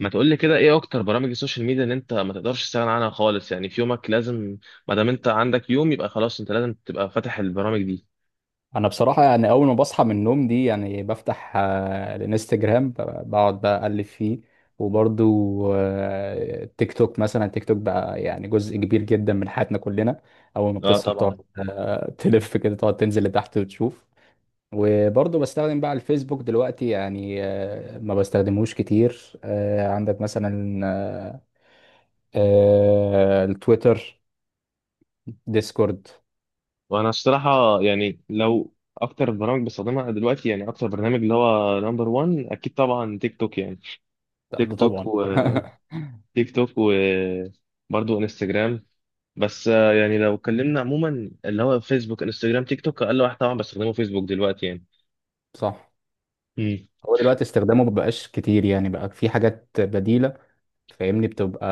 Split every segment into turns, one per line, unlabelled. ما تقول لي كده، ايه اكتر برامج السوشيال ميديا اللي انت ما تقدرش تستغنى عنها خالص؟ يعني في يومك لازم، ما دام انت عندك يوم يبقى خلاص انت لازم تبقى فاتح البرامج دي.
انا بصراحه يعني اول ما بصحى من النوم دي يعني بفتح الانستجرام بقعد بقى اقلب فيه. وبرضو تيك توك مثلا تيك توك بقى يعني جزء كبير جدا من حياتنا كلنا. اول ما
اه
بتصحى بتقعد
طبعا.
تلف كده تقعد تنزل لتحت وتشوف. وبرضو بستخدم بقى الفيسبوك دلوقتي يعني ما بستخدمهوش كتير. عندك مثلا التويتر، ديسكورد.
وانا الصراحه يعني لو اكتر برامج بستخدمها دلوقتي، يعني اكتر برنامج اللي هو نمبر 1 اكيد طبعا تيك توك، يعني
ده
تيك
ده
توك
طبعا.
وتيك توك وبرضه انستجرام. بس يعني لو اتكلمنا عموما اللي هو فيسبوك انستجرام تيك توك، اقل واحد طبعا بستخدمه فيسبوك دلوقتي
صح.
يعني.
هو دلوقتي استخدامه مبقاش كتير يعني بقى في حاجات بديلة. فاهمني بتبقى،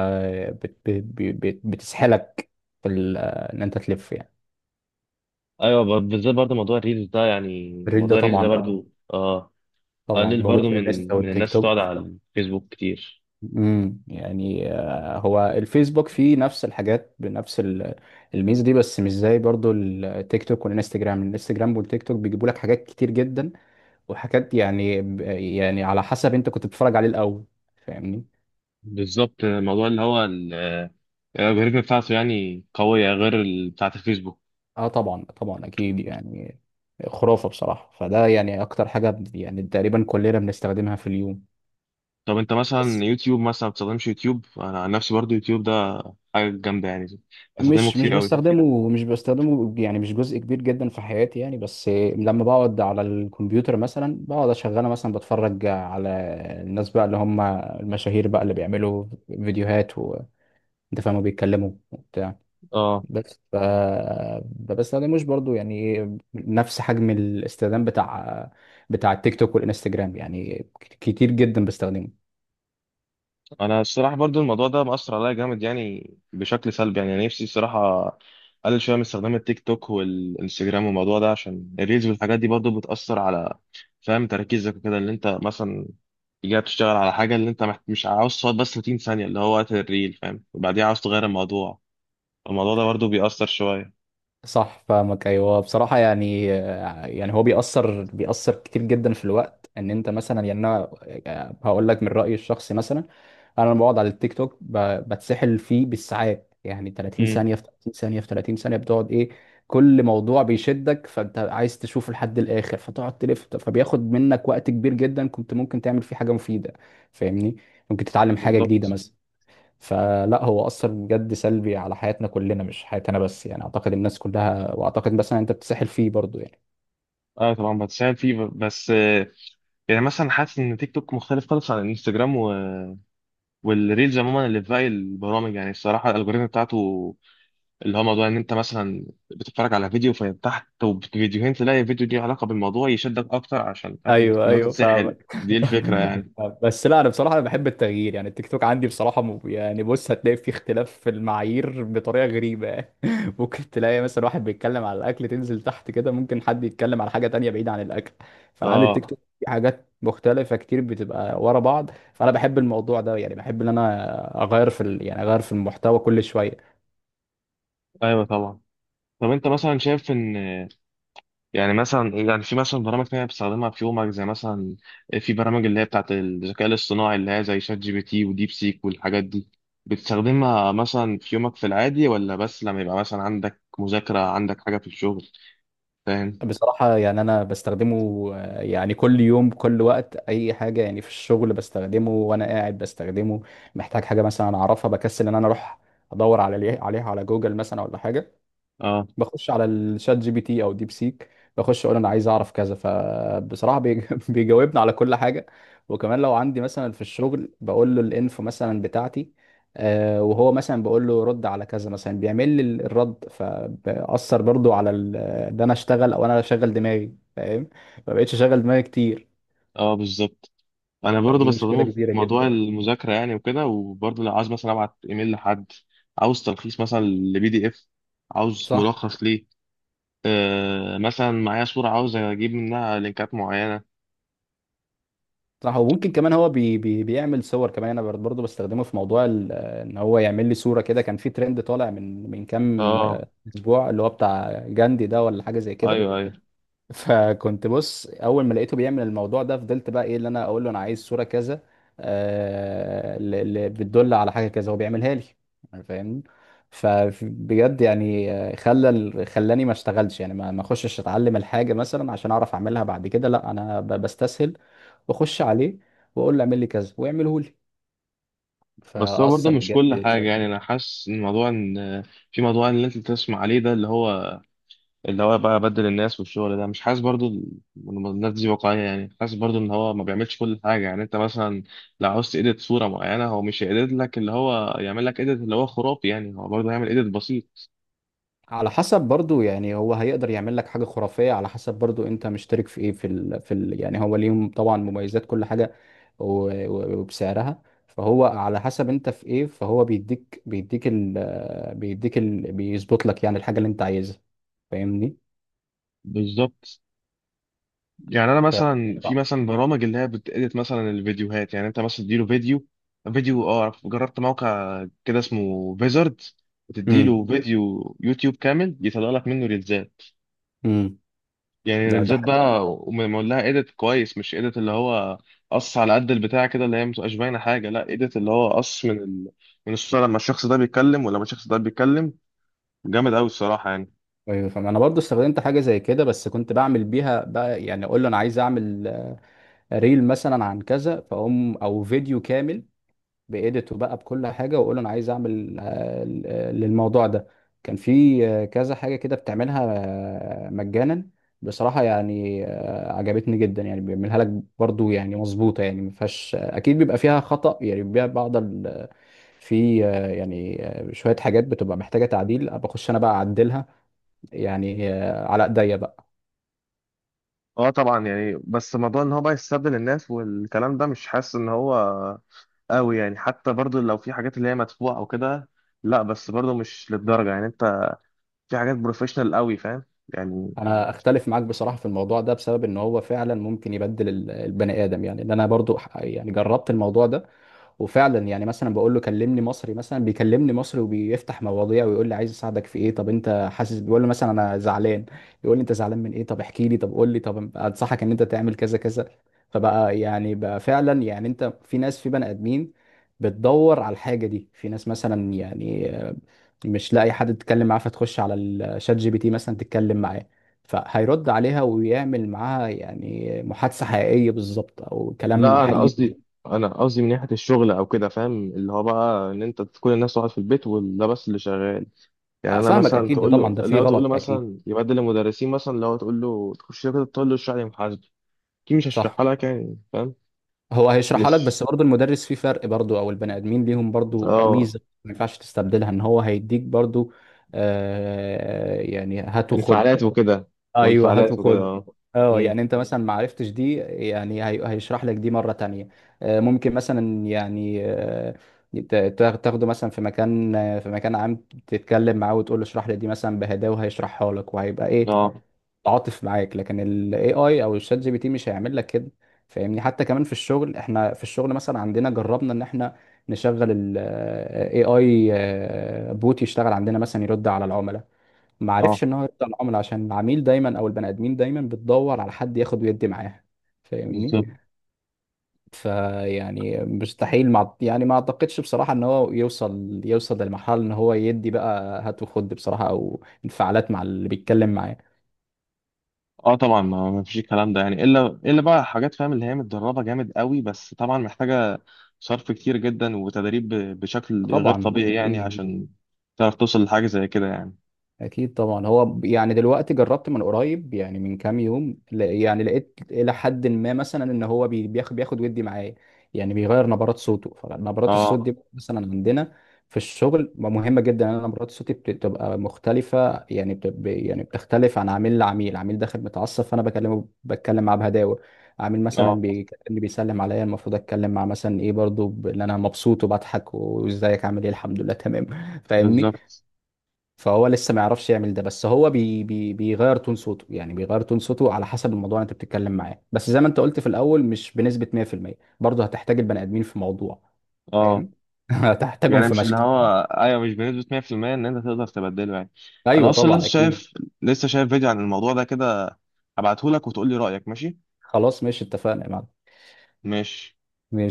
بت بت بت بتسحلك في ان انت تلف يعني.
ايوه، بالذات برضه موضوع الريلز ده، يعني
الريل ده
موضوع الريلز ده
طبعا اه،
برضه اه
طبعا
قلل
موجود
برضه
في الانستا
من
والتيك
الناس بتقعد
توك.
على الفيسبوك كتير.
يعني هو الفيسبوك فيه نفس الحاجات بنفس الميزة دي، بس مش زي برضو التيك توك والانستجرام. الانستجرام والتيك توك بيجيبوا لك حاجات كتير جدا وحاجات يعني، يعني على حسب انت كنت بتتفرج عليه الاول. فاهمني.
بالظبط، الموضوع اللي هو الالجوريثم بتاعته يعني قوية غير ال- بتاعة الفيسبوك.
اه طبعا طبعا اكيد يعني. خرافه بصراحه. فده يعني اكتر حاجه يعني تقريبا كلنا بنستخدمها في اليوم.
طب انت مثلا
بس
يوتيوب، مثلا بتستخدمش يوتيوب؟ انا عن نفسي برضه يوتيوب ده حاجة جامدة يعني، بستخدمه
مش
كتير قوي.
بستخدمه. مش بستخدمه يعني مش جزء كبير جدا في حياتي يعني، بس لما بقعد على الكمبيوتر مثلا بقعد اشغله، مثلا بتفرج على الناس بقى اللي هم المشاهير بقى اللي بيعملوا فيديوهات وانت فاهم، بيتكلموا وبتاع.
اه
بس ما بستخدموش برضو يعني نفس حجم الاستخدام بتاع التيك توك والانستجرام يعني كتير جدا بستخدمه.
انا الصراحه برضو الموضوع ده مأثر عليا جامد يعني، بشكل سلبي. يعني أنا نفسي الصراحه اقلل شويه من استخدام التيك توك والانستجرام والموضوع ده، عشان الريلز والحاجات دي برضو بتأثر على فاهم تركيزك وكده. اللي انت مثلا جاي بتشتغل على حاجه، اللي انت مش عاوز تقعد بس 30 ثانيه اللي هو وقت الريل، فاهم، وبعديها عاوز تغير الموضوع. الموضوع ده برضو بيأثر شويه.
صح فاهمك، ايوه بصراحه يعني. هو بيأثر كتير جدا في الوقت ان انت مثلا، يعني انا هقول لك من رأيي الشخصي مثلا. انا لما بقعد على التيك توك بتسحل فيه بالساعات، يعني 30
امم
ثانيه في 30 ثانيه في 30 ثانيه بتقعد ايه. كل موضوع بيشدك فانت عايز تشوفه لحد الاخر فتقعد تلف، فبياخد منك وقت كبير جدا كنت ممكن تعمل فيه حاجه مفيده. فاهمني. ممكن تتعلم حاجه جديده
بالظبط.
مثلا. فلا، هو اثر بجد سلبي على حياتنا كلنا، مش حياتي انا بس يعني، اعتقد الناس كلها، واعتقد مثلا انت بتسحل فيه برضو يعني.
اه طبعا بتساعد فيه، بس يعني مثلا حاسس ان تيك توك مختلف خالص عن الانستجرام و... والريلز عموما اللي في باقي البرامج، يعني الصراحه الالجوريزم بتاعته اللي هو موضوع ان انت مثلا بتتفرج على فيديو فيتحت وفيديوهين تلاقي فيديو ليه علاقه بالموضوع يشدك اكتر، عشان فاهم
ايوه
اللي هو
ايوه
تتسحل
فاهمك.
دي الفكره يعني.
بس لا، انا بصراحه انا بحب التغيير. يعني التيك توك عندي بصراحه يعني بص، هتلاقي فيه اختلاف في المعايير بطريقه غريبه. ممكن تلاقي مثلا واحد بيتكلم على الاكل، تنزل تحت كده ممكن حد يتكلم على حاجه تانية بعيده عن الاكل. فانا عندي التيك
اه
توك في حاجات مختلفه كتير بتبقى ورا بعض، فانا بحب الموضوع ده، يعني بحب ان انا اغير في يعني اغير في المحتوى كل شويه.
ايوه طبعا. طب انت مثلا شايف ان، يعني مثلا، يعني في مثلا برامج تانية بتستخدمها في يومك، زي مثلا في برامج اللي هي بتاعت الذكاء الاصطناعي اللي هي زي شات جي بي تي وديب سيك والحاجات دي، بتستخدمها مثلا في يومك في العادي ولا بس لما يبقى مثلا عندك مذاكرة عندك حاجة في الشغل، فاهم؟
بصراحة يعني أنا بستخدمه يعني كل يوم كل وقت، أي حاجة يعني في الشغل بستخدمه، وأنا قاعد بستخدمه. محتاج حاجة مثلا أعرفها بكسل إن أنا أروح أدور عليها على جوجل مثلا ولا حاجة.
اه
بخش على الشات جي بي تي او ديب سيك، بخش اقول انا عايز اعرف كذا، فبصراحه بيجاوبني على كل حاجه. وكمان لو عندي مثلا في الشغل بقول له الانفو مثلا بتاعتي، وهو مثلا بقول له رد على كذا مثلا، بيعمل لي الرد. فبأثر برضو على ان انا اشتغل، او انا اشغل دماغي فاهم. ما بقتش اشغل دماغي كتير.
اه بالظبط. انا برضو
فدي مشكله
بستخدمه في
كبيره
موضوع
جدا.
المذاكره يعني وكده، وبرضو لو عاوز مثلا ابعت ايميل لحد، عاوز تلخيص مثلا لبي دي اف، عاوز
صح.
ملخص ليه. آه مثلا معايا صوره عاوز اجيب منها لينكات معينه.
صح. وممكن كمان هو بي بي بيعمل صور كمان. انا برضه بستخدمه في موضوع ان هو يعمل لي صوره كده. كان في ترند طالع من كام
اه
اسبوع اللي هو بتاع جاندي ده ولا حاجه زي كده.
ايوه ايوه.
فكنت بص اول ما لقيته بيعمل الموضوع ده، فضلت بقى ايه اللي انا اقول له انا عايز صوره كذا اللي بتدل على حاجه كذا، هو بيعملها لي. فاهمني. فبجد يعني خلى خلاني ما اشتغلش يعني، ما اخشش اتعلم الحاجه مثلا عشان اعرف اعملها بعد كده، لا انا بستسهل واخش عليه واقول له اعمل لي كذا ويعمله لي.
بس هو برضه
فاثر
مش كل
بجد
حاجه،
سلبي.
يعني انا حاسس ان موضوع ان في موضوع اللي انت بتسمع عليه ده، اللي هو بقى بدل الناس والشغل ده، مش حاسس برضو ال- إن الناس دي واقعية. يعني حاسس برضو ان هو ما بيعملش كل حاجة، يعني انت مثلا لو عاوز تedit صورة معينة هو مش هيedit لك اللي هو يعمل لك edit اللي هو خرافي، يعني هو برضو هيعمل edit بسيط.
على حسب برضو يعني، هو هيقدر يعمل لك حاجه خرافيه على حسب برضو انت مشترك في ايه يعني هو ليهم طبعا مميزات كل حاجه، و... وبسعرها. فهو على حسب انت في ايه، فهو بيديك بيظبط لك يعني الحاجه اللي انت عايزها. فاهمني.
بالظبط. يعني انا
ف...
مثلا في مثلا برامج اللي هي بتedit مثلا الفيديوهات، يعني انت مثلا تديله فيديو، اه جربت موقع كده اسمه فيزرد،
امم
بتديله فيديو يوتيوب كامل يطلع لك منه ريلزات.
امم
يعني
ده
ريلزات
حاجة.
بقى ومعمول لها ايديت كويس، مش ايديت اللي هو قص على قد البتاع كده اللي هي متبقاش باينه حاجه، لا ايديت اللي هو قص من ال... من الصوره لما الشخص ده بيتكلم ولما الشخص ده بيتكلم. جامد قوي الصراحه يعني.
ايوه فاهم. انا برضو استخدمت حاجه زي كده، بس كنت بعمل بيها بقى يعني اقول له انا عايز اعمل ريل مثلا عن كذا، فاقوم او فيديو كامل بإيديته بقى بكل حاجه، واقول له انا عايز اعمل للموضوع ده. كان في كذا حاجه كده بتعملها مجانا. بصراحه يعني عجبتني جدا يعني، بيعملها لك برضو يعني مظبوطه، يعني ما فيهاش اكيد، بيبقى فيها خطأ يعني بيبقى بعض في يعني شويه حاجات بتبقى محتاجه تعديل. بخش انا بقى اعدلها يعني على ايديا بقى.
اه طبعا، يعني بس موضوع ان هو بقى يستبدل الناس والكلام ده، مش حاسس ان هو قوي يعني، حتى برضو لو في حاجات اللي هي مدفوعه او كده، لا بس برضو مش للدرجه، يعني انت في حاجات بروفيشنال قوي فاهم يعني.
انا اختلف معاك بصراحه في الموضوع ده، بسبب ان هو فعلا ممكن يبدل البني ادم. يعني ان انا برضو يعني جربت الموضوع ده، وفعلا يعني مثلا بقول له كلمني مصري مثلا، بيكلمني مصري وبيفتح مواضيع ويقول لي عايز اساعدك في ايه، طب انت حاسس، بيقول له مثلا انا زعلان، يقول لي انت زعلان من ايه، طب احكي لي، طب قول لي، طب انصحك ان انت تعمل كذا كذا. فبقى يعني بقى فعلا يعني، انت في ناس، في بني ادمين بتدور على الحاجه دي، في ناس مثلا يعني مش لاقي حد تتكلم معاه، فتخش على الشات جي بي تي مثلا تتكلم معاه، فهيرد عليها ويعمل معاها يعني محادثة حقيقية بالظبط، أو كلام
لا انا
حقيقي.
قصدي، انا قصدي من ناحيه الشغل او كده، فاهم اللي هو بقى ان انت كل الناس قاعد في البيت وده بس اللي شغال. يعني انا
فاهمك
مثلا
اكيد. ده
تقول له،
طبعا ده فيه
لو تقول له
غلط اكيد.
مثلا يبدل المدرسين، مثلا لو تقول له تخش كده تقول له اشرح لي محاسبه، اكيد مش
صح.
هشرحها لك يعني، فاهم؟
هو هيشرحها لك
مش
بس برضه المدرس فيه فرق برضه، او البني ادمين ليهم برضه
اه
ميزه ما ينفعش تستبدلها، ان هو هيديك برضه آه يعني هات وخد.
انفعالات وكده.
ايوه هات
وانفعالات وكده
وخد.
اه.
اه يعني
امم
انت مثلا ما عرفتش دي يعني هيشرح لك دي مره تانية. آه ممكن مثلا يعني آه تاخده مثلا في مكان في مكان عام، تتكلم معاه وتقول له اشرح لي دي مثلا بهداوه، وهيشرحها لك وهيبقى ايه
اه
تعاطف معاك. لكن ال AI او الشات جي بي تي مش هيعمل لك كده. فاهمني. حتى كمان في الشغل، احنا في الشغل مثلا عندنا جربنا ان احنا نشغل ال AI بوت يشتغل عندنا مثلا يرد على العملاء. ما
اه
عرفش ان هو يرد على العملاء عشان العميل دايما او البني ادمين دايما بتدور على حد ياخد ويدي معاها. فاهمني.
بالظبط.
فيعني مستحيل مع يعني، ما اعتقدش بصراحة ان هو يوصل للمرحلة ان هو يدي بقى هات وخد بصراحة، او انفعالات مع اللي بيتكلم معاه.
اه طبعا، ما فيش الكلام ده يعني الا، بقى حاجات فاهم اللي هي متدربه جامد قوي، بس طبعا محتاجه صرف كتير جدا وتدريب بشكل غير
طبعا
طبيعي يعني
اكيد.
عشان تعرف توصل لحاجه زي كده يعني.
اكيد طبعا. هو يعني دلوقتي جربت من قريب يعني من كام يوم، يعني لقيت الى حد ما مثلا ان هو بياخد ودي معايا، يعني بيغير نبرات صوته. فنبرات الصوت
اه
دي مثلا عندنا في الشغل مهمه جدا، ان أنا نبرات صوتي بتبقى مختلفه يعني يعني بتختلف عن عميل لعميل. عميل داخل متعصب فانا بتكلم معاه بهداوه، عميل مثلا
اه
بيكلمني بيسلم عليا المفروض اتكلم مع مثلا ايه برضو ان انا مبسوط وبضحك وازيك عامل ايه الحمد لله تمام. فاهمني.
بالظبط
فهو لسه ما يعرفش يعمل ده، بس هو بي بي بيغير تون صوته، يعني بيغير تون صوته على حسب الموضوع اللي انت بتتكلم معاه، بس زي ما انت قلت في الاول مش بنسبة 100%. برضه هتحتاج البني ادمين في موضوع
اه.
فاهم. هتحتاجهم
يعني
في
مش اللي
مشكل.
هو، ايوه مش بنسبه 100% ان انت تقدر تبدله يعني. انا
ايوه
اصلا
طبعا
لسه
اكيد.
شايف، لسه شايف فيديو عن الموضوع ده كده، هبعته لك وتقول لي رايك، ماشي؟
خلاص ماشي، اتفقنا يا
ماشي.
معلم.